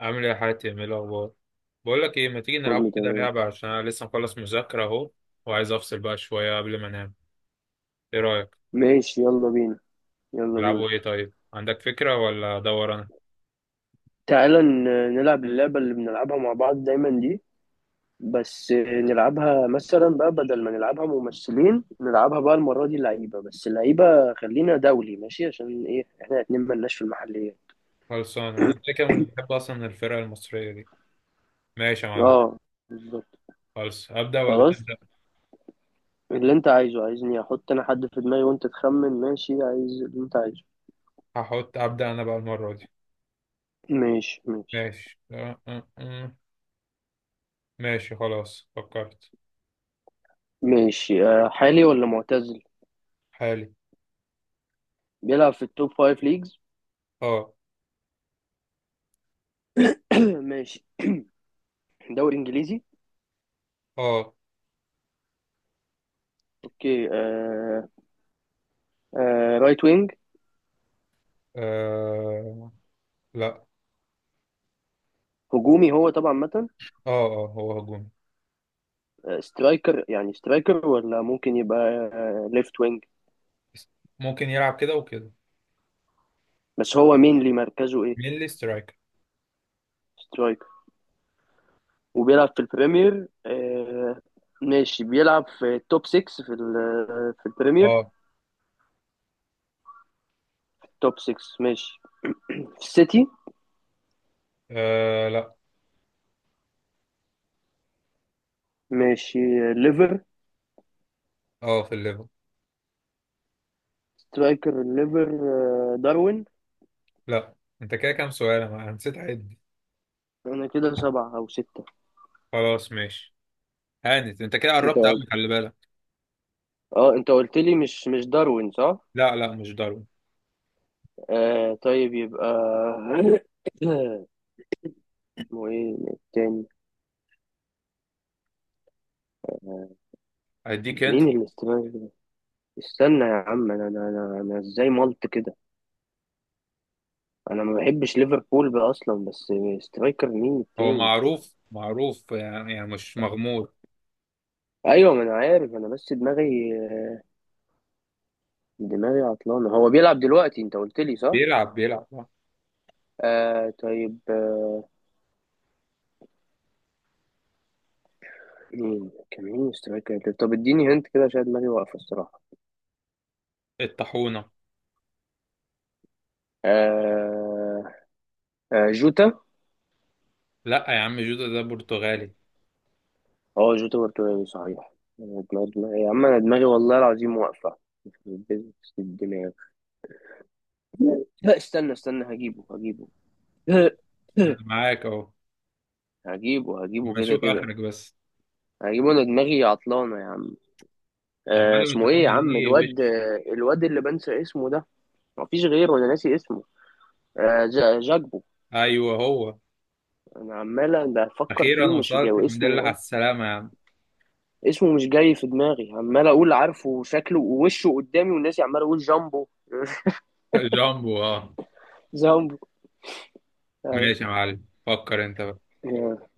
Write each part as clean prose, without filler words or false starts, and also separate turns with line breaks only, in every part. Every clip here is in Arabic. عامل ايه يا حاتم؟ ايه الاخبار؟ بقول لك ايه، ما تيجي نلعب
كله
كده
تمام.
لعبه عشان انا لسه مخلص مذاكره اهو، وعايز افصل بقى شويه قبل ما انام. ايه رايك؟
ماشي، يلا بينا. يلا بينا.
نلعبوا ايه طيب؟ عندك فكره ولا ادور انا؟
تعالى نلعب اللعبة اللي بنلعبها مع بعض دايما دي، بس نلعبها مثلا بقى بدل ما نلعبها ممثلين، نلعبها بقى المرة دي لعيبة، بس اللعيبة خلينا دولي ماشي عشان ايه احنا الاتنين ملناش في المحلية.
خلصان، انا كده كده بحب اصلا الفرقه المصريه دي. ماشي يا معلم.
اه، بالظبط.
خلص، ابدا ولا
خلاص،
تبدا؟
اللي انت عايزه. عايزني احط انا حد في دماغي وانت تخمن؟ ماشي، عايز اللي انت عايزه.
هحط ابدا انا بقى المره دي.
ماشي ماشي.
ماشي. أه، أه، أه. ماشي خلاص، فكرت.
ماشي آه، حالي ولا معتزل؟
حالي.
بيلعب في التوب فايف ليجز.
اه،
ماشي. دوري انجليزي.
اه.
اوكي آه. آه رايت وينج.
آه، لا.
هجومي هو طبعا مثلا.
اه، اه، هو هجومي.
آه، سترايكر، يعني سترايكر ولا ممكن يبقى آه ليفت وينج؟
ممكن يلعب كده وكده.
بس هو مينلي مركزه ايه؟
مين اللي سترايكر؟
سترايكر. وبيلعب في البريمير آه، ماشي. بيلعب في توب 6 في آه، في البريمير.
اه.
توب 6. ماشي. في السيتي.
آه، لا.
ماشي آه، ليفر.
اه، في الليفل.
سترايكر الليفر. آه، داروين.
لا. انت كده كام سؤال؟ انا نسيت اعد.
انا كده سبعة او ستة.
خلاص ماشي. هانت، انت كده
انت
قربت قوي،
قلت،
خلي بالك.
اه انت قلت لي مش داروين، صح؟
لا، لا، مش داروين.
آه طيب يبقى اسمه ايه التاني؟
هديك انت.
مين اللي استمر ده؟ استنى يا عم، أنا ازاي ملت كده؟ انا ما بحبش ليفربول بقى اصلا، بس سترايكر مين
هو
التاني؟
معروف معروف يعني، مش مغمور.
ايوه ما انا عارف، انا بس دماغي، دماغي عطلانه. هو بيلعب دلوقتي، انت قلت لي، صح؟
بيلعب آه.
آه طيب آه. مين كان، مين سترايكر؟ طب اديني هنت كده عشان دماغي واقفه الصراحه.
الطاحونة.
آه. آه جوتا.
لا يا عم، جودة ده برتغالي.
اه جوتا برتغالي صحيح. أنا دماغي يا عم، انا دماغي والله العظيم واقفة في business الدماغ. لا، استنى استنى، هجيبه هجيبه.
انا معاك اهو.
هجيبه
ما
هجيبه كده
اشوف
كده.
اخرك بس.
هجيبه، انا دماغي عطلانة يا عم.
يا
آه
معلم،
اسمه ايه يا
الطاحونة
عم
دي وش؟
الواد، آه، الواد اللي بنسى اسمه ده. مفيش غيره، انا ناسي اسمه. آه جاكبو.
ايوه، هو.
انا عمال بفكر
اخيرا
فيه ومش
وصلت،
جاي
الحمد
اسمه،
لله على
اه.
السلامة يا عم.
اسمه مش جاي في دماغي، عمال اقول عارفه وشكله ووشه قدامي، والناس عمال اقول جامبو.
جامبو، اه.
جامبو.
ماشي يا معلم، فكر انت بقى.
أيوة.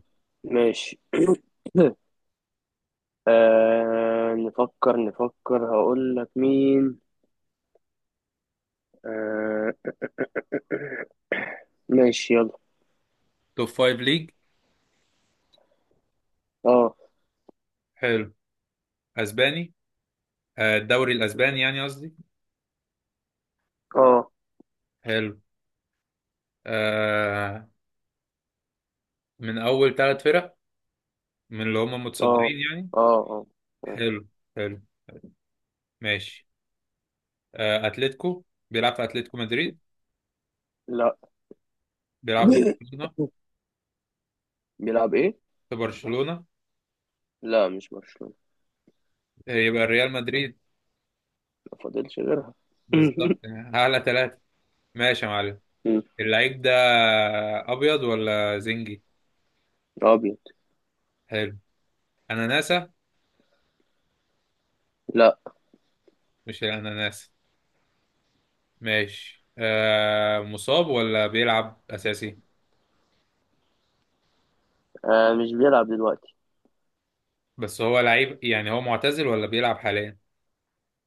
ماشي. آه، نفكر نفكر هقول لك مين. آه. ماشي يلا.
توب فايف ليج؟
اه.
حلو. اسباني؟ آه، الدوري الاسباني يعني، قصدي.
اه.
حلو. آه، من اول 3 فرق؟ من اللي هم
اه.
متصدرين يعني.
اه. اه.
حلو. حلو. ماشي. آه، اتلتيكو؟ بيلعب في اتلتيكو مدريد؟
لا.
بيلعب برشلونة؟
بيلعب ايه؟
في برشلونة؟
لا مش برشلونة.
يبقى ريال مدريد.
ما فاضلش غيرها.
بالظبط يعني، اعلى ثلاثة. ماشي يا معلم.
مم.
اللعيب ده ابيض ولا زنجي؟
ابيض.
حلو. اناناسة؟
لا.
مش الاناناسة؟ ماشي. آه، مصاب ولا بيلعب اساسي؟
آه مش بيلعب دلوقتي.
بس هو لعيب يعني، هو معتزل ولا بيلعب حاليا؟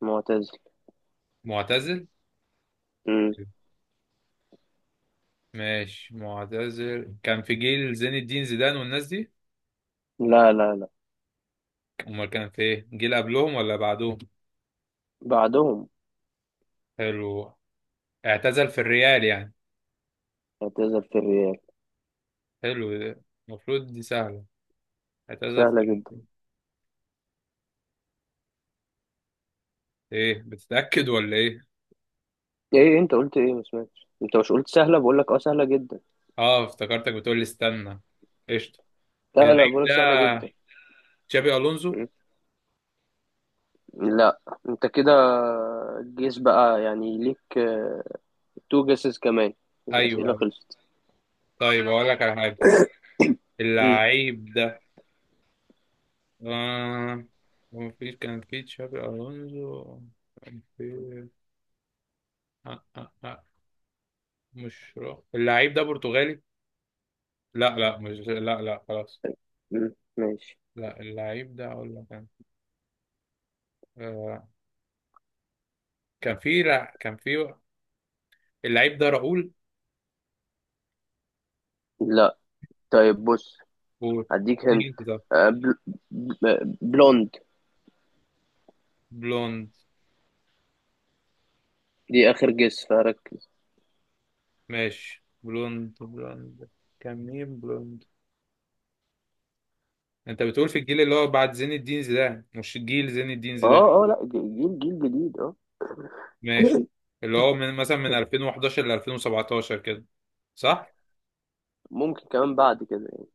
معتزل.
معتزل؟
مم.
ماشي، معتزل كان في جيل زين الدين زيدان والناس دي؟
لا لا لا.
امال كان في ايه، جيل قبلهم ولا بعدهم؟
بعدهم.
حلو. اعتزل في الريال يعني؟
اعتزل في الريال.
حلو ده. المفروض دي سهلة. اعتزل في
سهلة جدا.
الريال. ايه بتتأكد ولا ايه؟
ايه انت قلت ايه؟ ما سمعتش. انت مش قلت سهلة؟ بقول لك اه سهلة جدا.
اه، افتكرتك بتقول لي استنى. قشطة.
لا لا،
اللعيب
بقول لك سهلة جدا.
ده تشابي الونزو؟
لا انت كده، جيس بقى يعني ليك. تو جيسز كمان.
ايوه،
الأسئلة
ايوه.
خلصت.
طيب، اقول لك على حاجة.
مم.
اللعيب ده، آه، هو في، كان في تشابي ألونزو. كان في، آه آه آه مش رو. اللعيب ده برتغالي. لا، لا، مش، لا، لا، خلاص.
مم. ماشي.
لا، اللعيب ده أقول لك أنا. آه، كان في، لا، كان في اللعيب ده راؤول.
لا طيب بص،
و،
هديك هنت. بلوند.
بلوند.
دي آخر جيس، فركز.
ماشي، بلوند، بلوند. كان مين بلوند؟ انت بتقول في الجيل اللي هو بعد زين الدين زيدان، مش جيل زين الدين زيدان؟
اه اه، لا جيل، جيل جديد اه.
ماشي. اللي هو من مثلا من 2011 ل 2017 كده، صح؟
ممكن كمان بعد كده يعني.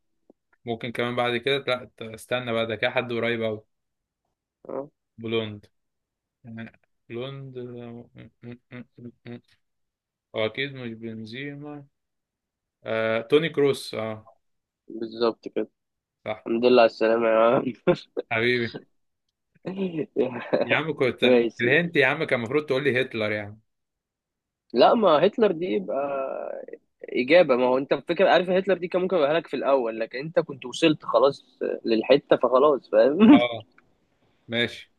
ممكن كمان بعد كده، لا، استنى بقى، ده كده حد قريب أوي.
اه،
بلوند يعني. بلوند، آه، هو أكيد مش بنزيما. توني كروس، اه.
بالظبط كده.
صح.
الحمد لله على السلامة يا عم.
حبيبي. يا عم كنت
ماشي.
الهنت يا عم كان المفروض تقول لي هتلر يعني.
لا، ما هتلر دي يبقى إجابة. ما هو أنت الفكرة، عارف، هتلر دي كان ممكن يبقى لك في الأول، لكن أنت كنت وصلت خلاص للحتة، فخلاص فاهم.
اه. ماشي.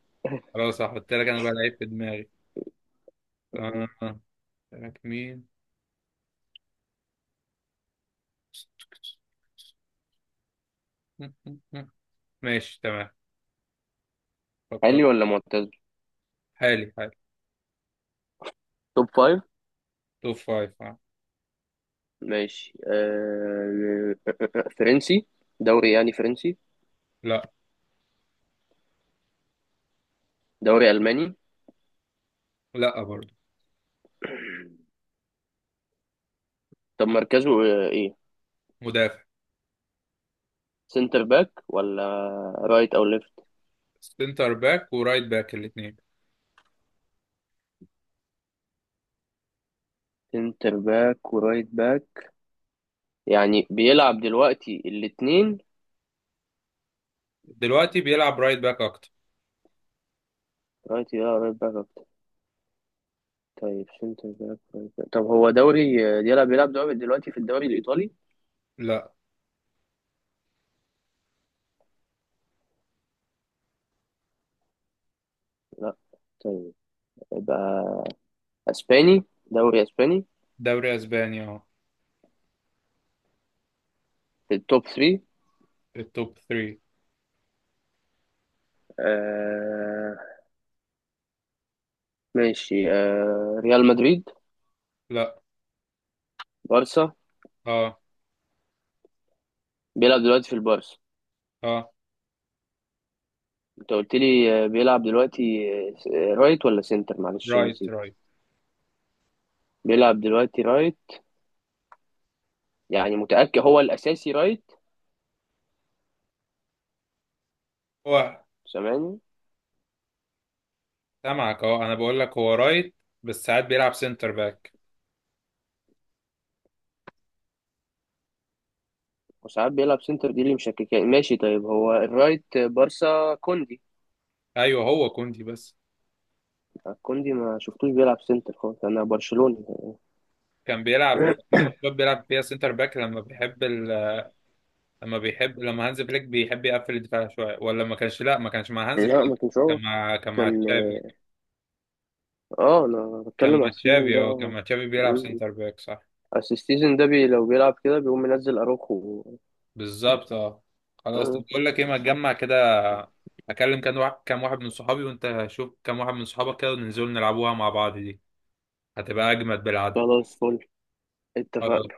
خلاص، هحط لك انا بقى لعيب في دماغي. آه. لك مين؟ م- م- م. ماشي تمام. فكر.
حالي ولا معتزل؟
حالي، حالي.
توب فايف.
توب فايف، آه.
ماشي آه... فرنسي، دوري يعني فرنسي.
لا.
دوري ألماني.
لا برضه.
طب مركزه آه، إيه؟
مدافع.
سنتر باك ولا رايت أو ليفت؟
سنتر باك ورايت باك الاثنين.
سنتر باك ورايت باك. يعني بيلعب دلوقتي الاتنين؟
دلوقتي بيلعب رايت باك اكتر.
رايت، يا رايت باك أكتر. طيب سنتر باك رايت باك. طب هو دوري آه، بيلعب، بيلعب دوري دلوقتي في الدوري الإيطالي؟
لا.
لا. طيب يبقى اسباني، دوري اسباني.
دوري اسباني، اه.
في التوب 3.
التوب 3.
آه. ماشي. آه ريال مدريد.
لا.
بارسا.
اه،
بيلعب دلوقتي في البارسا.
اه.
انت قلت لي آه، بيلعب دلوقتي. آه، رايت ولا سنتر؟ معلش
رايت،
نسيت.
رايت.
بيلعب دلوقتي رايت. يعني متأكد هو الاساسي رايت؟
هو.
سامعني؟
سامعك، اه، انا بقول لك هو رايت. بس ساعات بيلعب سنتر باك.
وساعات بيلعب سنتر، دي اللي مشككاني. ماشي طيب. هو الرايت بارسا كوندي.
ايوه، هو كوندي بس.
آه، كوندي ما شفتوش بيلعب سنتر خالص، انا برشلوني.
كان بيلعب في ماتشات بيلعب فيها سنتر باك لما بيحب لما هانز فليك بيحب يقفل الدفاع شويه، ولا ما كانش. لا، ما كانش مع هانز
لا،
فليك.
ما كانش. هو
كان مع كان
كان.
مع تشافي.
اه انا
كان
بتكلم على
مع
السيزون
تشافي،
ده،
اه، كان
اه.
مع تشافي بيلعب
مم.
سنتر باك، صح.
اصل السيزون ده بي لو بيلعب كده بيقوم منزل اروخو.
بالظبط، اه. خلاص، طب
آه،
بقول لك ايه، ما تجمع كده. اكلم كام واحد كام واحد من صحابي وانت شوف كام واحد من صحابك كده وننزل نلعبوها مع بعض دي. هتبقى اجمد بالعدد.
خلاص، فل.
خلاص.
اتفقنا.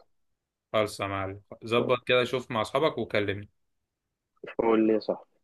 خلص يا معلم، ظبط كده، شوف مع اصحابك وكلمني.
فل يا صاحبي.